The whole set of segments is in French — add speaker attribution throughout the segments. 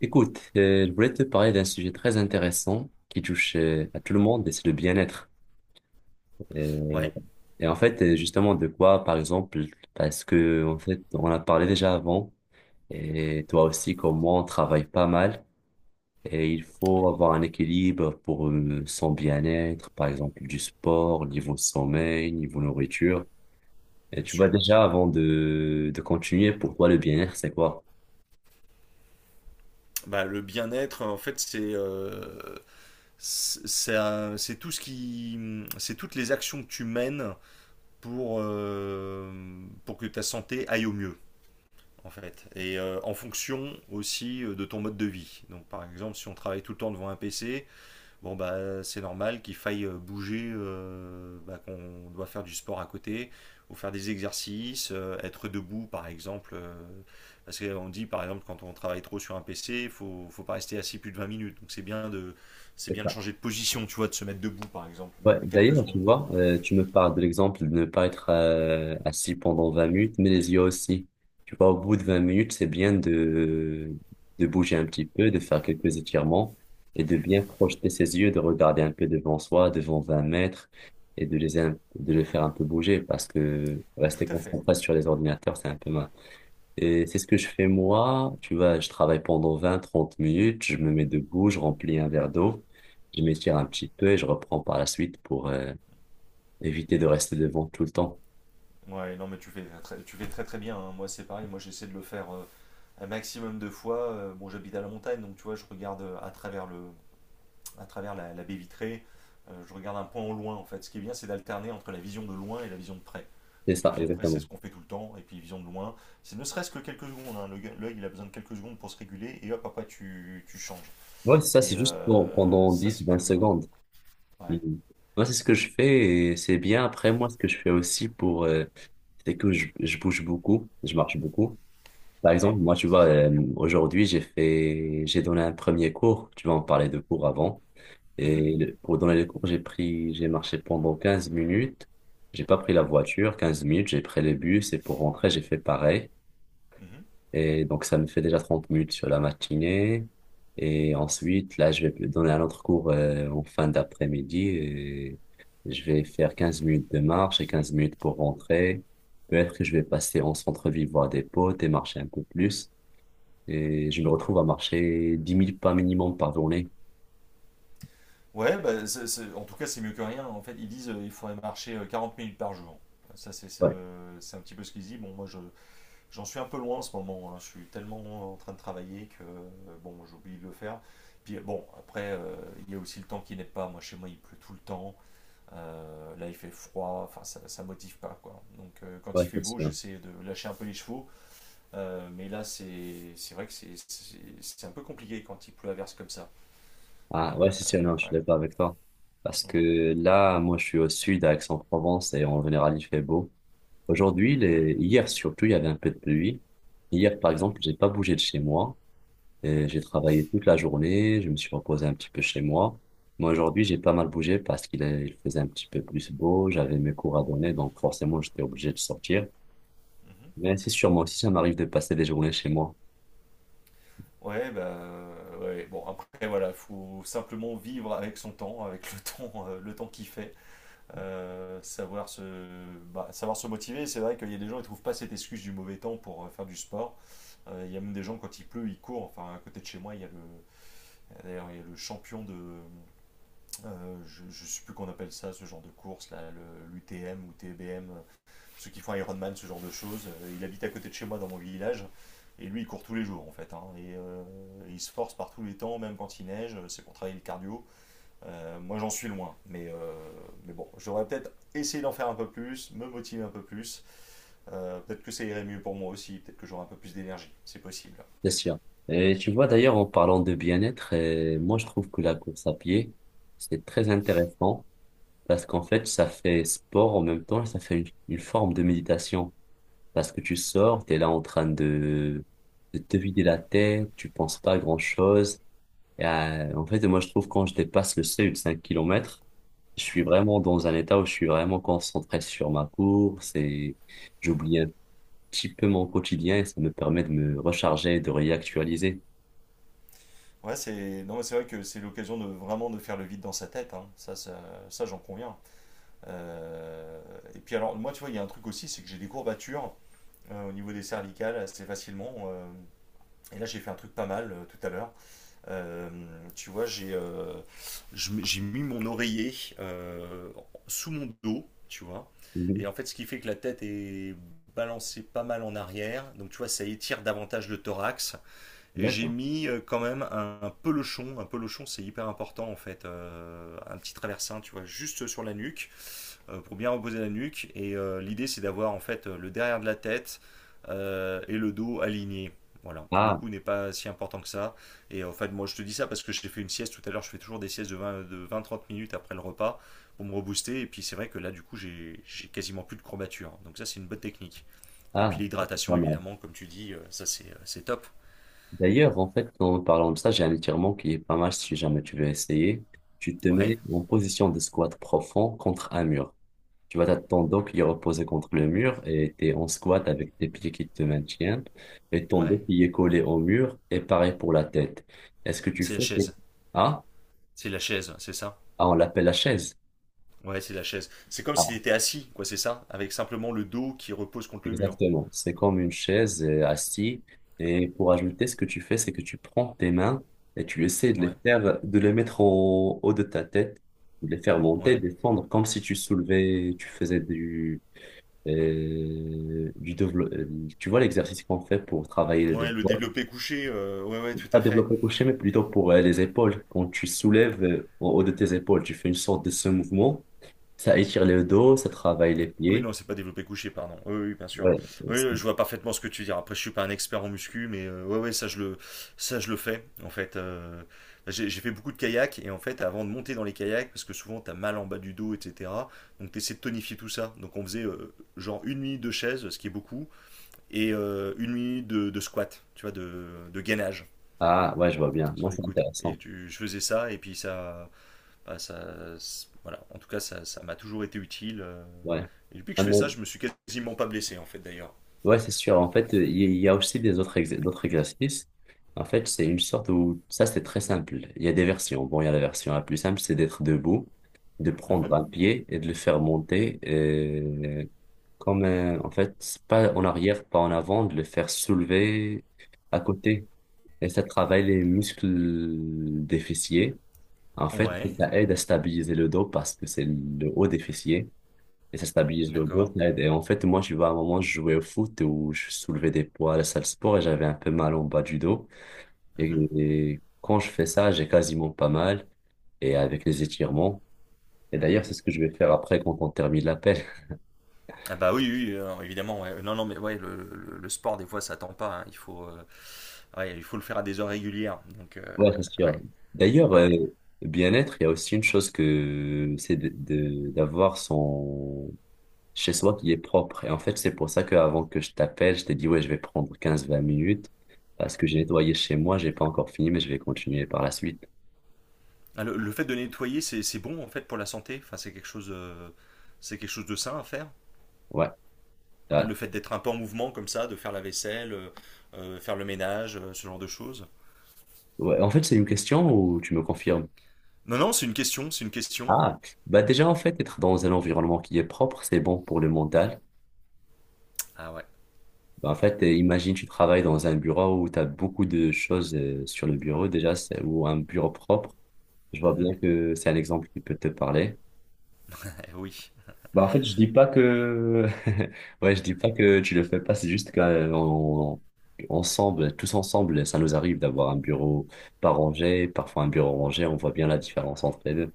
Speaker 1: Écoute, je voulais te parler d'un sujet très intéressant qui touche à tout le monde et c'est le bien-être. Et,
Speaker 2: Ouais,
Speaker 1: et en fait, justement, de quoi, par exemple, parce que en fait, on a parlé déjà avant et toi aussi, comme moi, on travaille pas mal et il
Speaker 2: ouais,
Speaker 1: faut avoir un équilibre pour son bien-être, par exemple, du sport, niveau sommeil, niveau nourriture. Et
Speaker 2: bien
Speaker 1: tu vois
Speaker 2: sûr.
Speaker 1: déjà, avant de continuer, pour toi, le bien-être, c'est quoi?
Speaker 2: Bah, le bien-être, en fait, c'est tout ce c'est toutes les actions que tu mènes pour euh, pour que ta santé aille au mieux, en fait, et en fonction aussi de ton mode de vie. Donc, par exemple, si on travaille tout le temps devant un PC. Bon, bah, c'est normal qu'il faille bouger, bah, qu'on doit faire du sport à côté, ou faire des exercices, être debout par exemple. Parce qu'on dit par exemple, quand on travaille trop sur un PC, il faut, faut pas rester assis plus de 20 minutes. Donc c'est
Speaker 1: C'est
Speaker 2: bien de
Speaker 1: ça.
Speaker 2: changer de position, tu vois, de se mettre debout par exemple,
Speaker 1: Ouais,
Speaker 2: même quelques
Speaker 1: d'ailleurs, tu
Speaker 2: secondes.
Speaker 1: vois, tu me parles de l'exemple de ne pas être assis pendant 20 minutes, mais les yeux aussi. Tu vois, au bout de 20 minutes, c'est bien de bouger un petit peu, de faire quelques étirements et de bien projeter ses yeux, de regarder un peu devant soi, devant 20 mètres et de les faire un peu bouger parce que
Speaker 2: Tout
Speaker 1: rester
Speaker 2: à fait.
Speaker 1: concentré sur les ordinateurs, c'est un peu mal. Et c'est ce que je fais moi. Tu vois, je travaille pendant vingt trente minutes, je me mets debout, je remplis un verre d'eau, je m'étire un petit peu et je reprends par la suite pour éviter de rester devant tout le temps.
Speaker 2: Ouais, non, mais tu fais très très bien, hein. Moi, c'est pareil, moi j'essaie de le faire un maximum de fois. Bon, j'habite à la montagne, donc tu vois, je regarde à travers la baie vitrée. Je regarde un point au loin en fait. Ce qui est bien, c'est d'alterner entre la vision de loin et la vision de près.
Speaker 1: C'est
Speaker 2: Donc la
Speaker 1: ça,
Speaker 2: vision de près, c'est
Speaker 1: exactement.
Speaker 2: ce qu'on fait tout le temps, et puis vision de loin, c'est ne serait-ce que quelques secondes, hein. L'œil, il a besoin de quelques secondes pour se réguler, et hop, après, tu changes.
Speaker 1: Ouais, c'est ça,
Speaker 2: Et
Speaker 1: c'est juste pendant
Speaker 2: ça,
Speaker 1: dix
Speaker 2: c'est
Speaker 1: vingt
Speaker 2: plutôt bien.
Speaker 1: secondes.
Speaker 2: Ouais,
Speaker 1: Mhm. Moi, c'est ce que je fais et c'est bien. Après, moi, ce que je fais aussi pour, c'est que je bouge beaucoup, je marche beaucoup. Par
Speaker 2: ouais.
Speaker 1: exemple, moi,
Speaker 2: Ah,
Speaker 1: tu
Speaker 2: ça
Speaker 1: vois,
Speaker 2: c'est bien.
Speaker 1: aujourd'hui, j'ai donné un premier cours. Tu vois, on parlait de cours avant.
Speaker 2: Mhm,
Speaker 1: Et pour donner les cours, j'ai marché pendant 15 minutes. J'ai pas pris la voiture, 15 minutes, j'ai pris le bus et pour rentrer, j'ai fait pareil.
Speaker 2: mhm.
Speaker 1: Et donc, ça me fait déjà 30 minutes sur la matinée. Et ensuite, là, je vais donner un autre cours en fin d'après-midi et je vais faire 15 minutes de marche et 15 minutes pour rentrer. Peut-être que je vais passer en centre-ville voir des potes et marcher un peu plus. Et je me retrouve à marcher dix 000 pas minimum par journée.
Speaker 2: Ouais, bah, en tout cas, c'est mieux que rien. En fait, ils disent il faudrait marcher 40 minutes par jour. Ça,
Speaker 1: Ouais,
Speaker 2: c'est un petit peu ce qu'ils disent. Bon, j'en suis un peu loin en ce moment, hein. Je suis tellement en train de travailler que bon, j'oublie de le faire. Puis bon, après, il y a aussi le temps qui n'est pas. Moi, chez moi, il pleut tout le temps. Là, il fait froid. Enfin, ça motive pas, quoi. Donc, quand il
Speaker 1: ouais,
Speaker 2: fait
Speaker 1: c'est
Speaker 2: beau,
Speaker 1: sûr.
Speaker 2: j'essaie de lâcher un peu les chevaux. Mais là, c'est vrai que c'est un peu compliqué quand il pleut à verse comme ça. Euh,
Speaker 1: Ah ouais, si, si, non, je suis d'accord avec toi. Parce
Speaker 2: on-
Speaker 1: que là, moi, je suis au sud, à Aix-en-Provence, et en général, il fait beau. Aujourd'hui,
Speaker 2: Eh oui.
Speaker 1: les... hier surtout, il y avait un peu de pluie. Hier, par
Speaker 2: Mhm,
Speaker 1: exemple, j'ai pas bougé de chez moi.
Speaker 2: mhm,
Speaker 1: Et j'ai travaillé toute la journée, je me suis reposé un petit peu chez moi. Moi aujourd'hui, j'ai pas mal bougé parce qu'il est- il faisait un petit peu plus beau, j'avais mes cours à donner, donc forcément, j'étais obligé de sortir.
Speaker 2: mhm.
Speaker 1: Mais c'est sûr, moi aussi, ça m'arrive de passer des journées chez moi.
Speaker 2: Ouais, bah, ouais, bon, après, voilà, faut simplement vivre avec son temps, le temps qu'il fait. euh, savoir se, Savoir se motiver. C'est vrai qu'il y a des gens qui ne trouvent pas cette excuse du mauvais temps pour faire du sport. Il y a même des gens, quand il pleut, ils courent. Enfin, à côté de chez moi, il y a le, d'ailleurs, il y a le champion de. Je ne sais plus qu'on appelle ça, ce genre de course, là, l'UTM ou TBM, ceux qui font Ironman, ce genre de choses. Il habite à côté de chez moi dans mon village. Et lui, il court tous les jours en fait, hein. Et il se force par tous les temps, même quand il neige. C'est pour travailler le cardio. Moi, j'en suis loin, mais bon, j'aurais peut-être essayé d'en faire un peu plus, me motiver un peu plus. Peut-être que ça irait mieux pour moi aussi, peut-être que j'aurais un peu plus d'énergie, c'est possible.
Speaker 1: Bien sûr. Et tu vois d'ailleurs en parlant de bien-être, moi je trouve que la course à pied, c'est très intéressant parce qu'en fait ça fait sport en même temps, et ça fait une forme de méditation parce que tu sors, tu es là en train de te vider la tête, tu penses pas à grand-chose. Et, en fait moi je trouve quand je dépasse le seuil de 5 km, je suis
Speaker 2: Mhm.
Speaker 1: vraiment dans un état où je suis vraiment concentré sur ma course et j'oublie un petit peu mon quotidien et ça me permet de me recharger, de réactualiser.
Speaker 2: Ouais, c'est non. Mais c'est vrai que c'est l'occasion de vraiment de faire le vide dans sa tête, hein. Ça, j'en conviens. Euh, Et puis alors, moi, tu vois, il y a un truc aussi, c'est que j'ai des courbatures au niveau des cervicales assez facilement. Et là, j'ai fait un truc pas mal tout à l'heure. Euh, Tu vois, j'ai j'ai mis mon oreiller euh, sous mon dos, tu vois. Et en fait, ce qui fait que la tête est balancée pas mal en arrière. Donc, tu vois, ça étire davantage le thorax. Et j'ai
Speaker 1: D'accord.
Speaker 2: mis quand même un pelochon. Un pelochon, c'est hyper important, en fait. Un petit traversin, tu vois, juste sur la nuque pour bien reposer la nuque. Et l'idée, c'est d'avoir en fait le derrière de la tête et le dos aligné. Voilà, le
Speaker 1: Ah,
Speaker 2: coup n'est pas si important que ça. Et en fait, moi, je te dis ça parce que j'ai fait une sieste tout à l'heure. Je fais toujours des siestes de 20 30 minutes après le repas pour me rebooster. Et puis, c'est vrai que là, du coup, j'ai quasiment plus de courbature. Donc, ça, c'est une bonne technique. Et puis,
Speaker 1: ah, ça, c'est pas
Speaker 2: l'hydratation,
Speaker 1: mal.
Speaker 2: évidemment, comme tu dis, ça, c'est top.
Speaker 1: D'ailleurs, en fait, en parlant de ça, j'ai un étirement qui est pas mal si jamais tu veux essayer. Tu te
Speaker 2: Ouais,
Speaker 1: mets en position de squat profond contre un mur. Tu vas t'attendre ton dos qui est reposé contre le mur et t'es en squat avec tes pieds qui te maintiennent et ton dos
Speaker 2: ouais.
Speaker 1: qui est collé au mur et pareil pour la tête. Est-ce que tu
Speaker 2: C'est la
Speaker 1: fais...
Speaker 2: chaise.
Speaker 1: Ah,
Speaker 2: C'est la chaise, c'est ça.
Speaker 1: ah, on l'appelle la chaise.
Speaker 2: Ouais, c'est la chaise. C'est comme si tu étais assis, quoi, c'est ça. Avec simplement le dos qui repose contre le mur.
Speaker 1: Exactement. C'est comme une chaise assis. Et pour ajouter, ce que tu fais, c'est que tu prends tes mains et tu essaies de les
Speaker 2: Ouais,
Speaker 1: faire, de les mettre au haut de ta tête, de les faire monter,
Speaker 2: ouais.
Speaker 1: descendre, comme si tu soulevais, tu faisais du développement. Tu vois l'exercice qu'on fait pour travailler les
Speaker 2: Ouais, le
Speaker 1: épaules.
Speaker 2: développé couché, ouais, ouais, tout
Speaker 1: Pas
Speaker 2: à fait.
Speaker 1: développer couché, mais plutôt pour les épaules. Quand tu soulèves au haut de tes épaules, tu fais une sorte de ce mouvement. Ça étire le dos, ça travaille les
Speaker 2: Ah, oui,
Speaker 1: pieds.
Speaker 2: non, c'est pas développé couché, pardon. Oui, oui, bien sûr.
Speaker 1: Ouais.
Speaker 2: Oui, je vois parfaitement ce que tu veux dire. Après, je suis pas un expert en muscu, mais ouais, ouais, ça je le fais. En fait, j'ai fait beaucoup de kayak et en fait, avant de monter dans les kayaks, parce que souvent t'as mal en bas du dos, etc. Donc t'essaies de tonifier tout ça. Donc on faisait genre une nuit de chaise, ce qui est beaucoup, et une nuit de squat, tu vois, de gainage
Speaker 1: Ah, ouais, je vois bien. Non,
Speaker 2: sur les
Speaker 1: c'est
Speaker 2: coudes. Et
Speaker 1: intéressant.
Speaker 2: je faisais ça et puis ça, voilà. En tout cas, ça m'a toujours été utile.
Speaker 1: Ouais.
Speaker 2: Et depuis que
Speaker 1: Ah
Speaker 2: je fais ça,
Speaker 1: non.
Speaker 2: je me suis quasiment pas blessé, en fait, d'ailleurs.
Speaker 1: Ouais, c'est sûr. En fait, il y a aussi d'autres exercices. En fait, c'est une sorte où ça, c'est très simple. Il y a des versions. Bon, il y a la version la plus simple, c'est d'être debout, de prendre
Speaker 2: Mhm.
Speaker 1: un pied et de le faire monter. Comme, en fait, c'est pas en arrière, pas en avant, de le faire soulever à côté. Et ça travaille les muscles des fessiers. En fait,
Speaker 2: Ouais,
Speaker 1: ça aide à stabiliser le dos parce que c'est le haut des fessiers. Et ça stabilise le dos,
Speaker 2: d'accord.
Speaker 1: ça aide. Et en fait, moi, je vois, à un moment, je jouais au foot où je soulevais des poids à la salle de sport et j'avais un peu mal en bas du dos. Et,
Speaker 2: Mhm.
Speaker 1: et quand je fais ça, j'ai quasiment pas mal. Et avec les étirements. Et d'ailleurs, c'est ce que je vais faire après quand on termine l'appel.
Speaker 2: Ah bah oui, oui, évidemment. Ouais. Non, non, mais ouais, le sport, des fois, ça attend pas, hein. Ouais, il faut le faire à des heures régulières. Donc,
Speaker 1: Ouais, c'est sûr.
Speaker 2: ouais,
Speaker 1: D'ailleurs,
Speaker 2: ouais.
Speaker 1: bien-être, il y a aussi une chose que c'est d'avoir son chez soi qui est propre. Et en fait, c'est pour ça qu'avant que je t'appelle, je t'ai dit, ouais, je vais prendre quinze vingt minutes parce que j'ai nettoyé chez moi, j'ai pas encore fini, mais je vais continuer par la suite.
Speaker 2: Ah, le fait de nettoyer, c'est bon, en fait, pour la santé. Enfin, c'est quelque chose de sain à faire.
Speaker 1: Ouais,
Speaker 2: Ah,
Speaker 1: ouais.
Speaker 2: le fait d'être un peu en mouvement comme ça, de faire la vaisselle, faire le ménage, ce genre de choses.
Speaker 1: Ouais, en fait, c'est une question où tu me confirmes.
Speaker 2: Non, non, c'est une question, c'est une question.
Speaker 1: Ah, bah déjà, en fait, être dans un environnement qui est propre, c'est bon pour le mental.
Speaker 2: Ah ouais.
Speaker 1: Bah, en fait, imagine, tu travailles dans un bureau où tu as beaucoup de choses sur le bureau, déjà, ou un bureau propre. Je vois
Speaker 2: Mhm.
Speaker 1: bien que c'est un exemple qui peut te parler.
Speaker 2: Eh oui.
Speaker 1: Bah, en fait, je dis pas que, ouais, je dis pas que tu le fais pas, c'est juste qu'on, ensemble, tous ensemble, ça nous arrive d'avoir un bureau pas rangé, parfois un bureau rangé, on voit bien la différence entre les deux.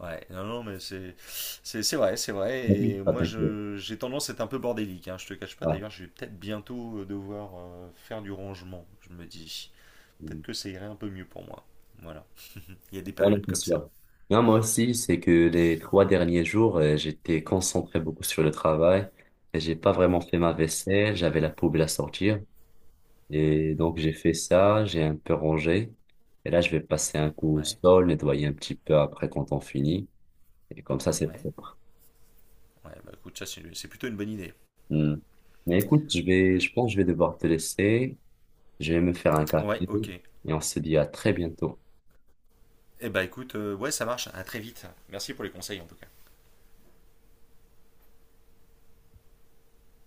Speaker 2: Ouais, non, non, mais c'est vrai, c'est vrai. Et
Speaker 1: Ah,
Speaker 2: moi,
Speaker 1: t'inquiète.
Speaker 2: je j'ai tendance à être un peu bordélique. Hein, je te cache pas. D'ailleurs, je vais peut-être bientôt devoir faire du rangement. Je me dis, peut-être
Speaker 1: Mm.
Speaker 2: que ça irait un peu mieux pour moi. Voilà. Il y a des
Speaker 1: Ouais, non,
Speaker 2: périodes
Speaker 1: c'est
Speaker 2: comme ça.
Speaker 1: sûr. Non, moi aussi, c'est que les trois derniers jours, j'étais concentré beaucoup sur le travail et j'ai pas vraiment fait ma vaisselle, j'avais la poubelle à sortir et donc j'ai fait ça, j'ai un peu rangé et là je vais passer un coup au
Speaker 2: Ouais,
Speaker 1: sol, nettoyer un petit peu après quand on finit et comme ça c'est
Speaker 2: ouais,
Speaker 1: propre.
Speaker 2: ouais. Bah écoute, ça c'est plutôt une bonne idée.
Speaker 1: Mm. Mais écoute, je vais,
Speaker 2: Mm.
Speaker 1: je pense que je vais devoir te laisser, je vais me faire un café
Speaker 2: Ouais, ok.
Speaker 1: et on se dit à très bientôt.
Speaker 2: Eh bah écoute, ouais, ça marche. À très vite. Merci pour les conseils en tout cas.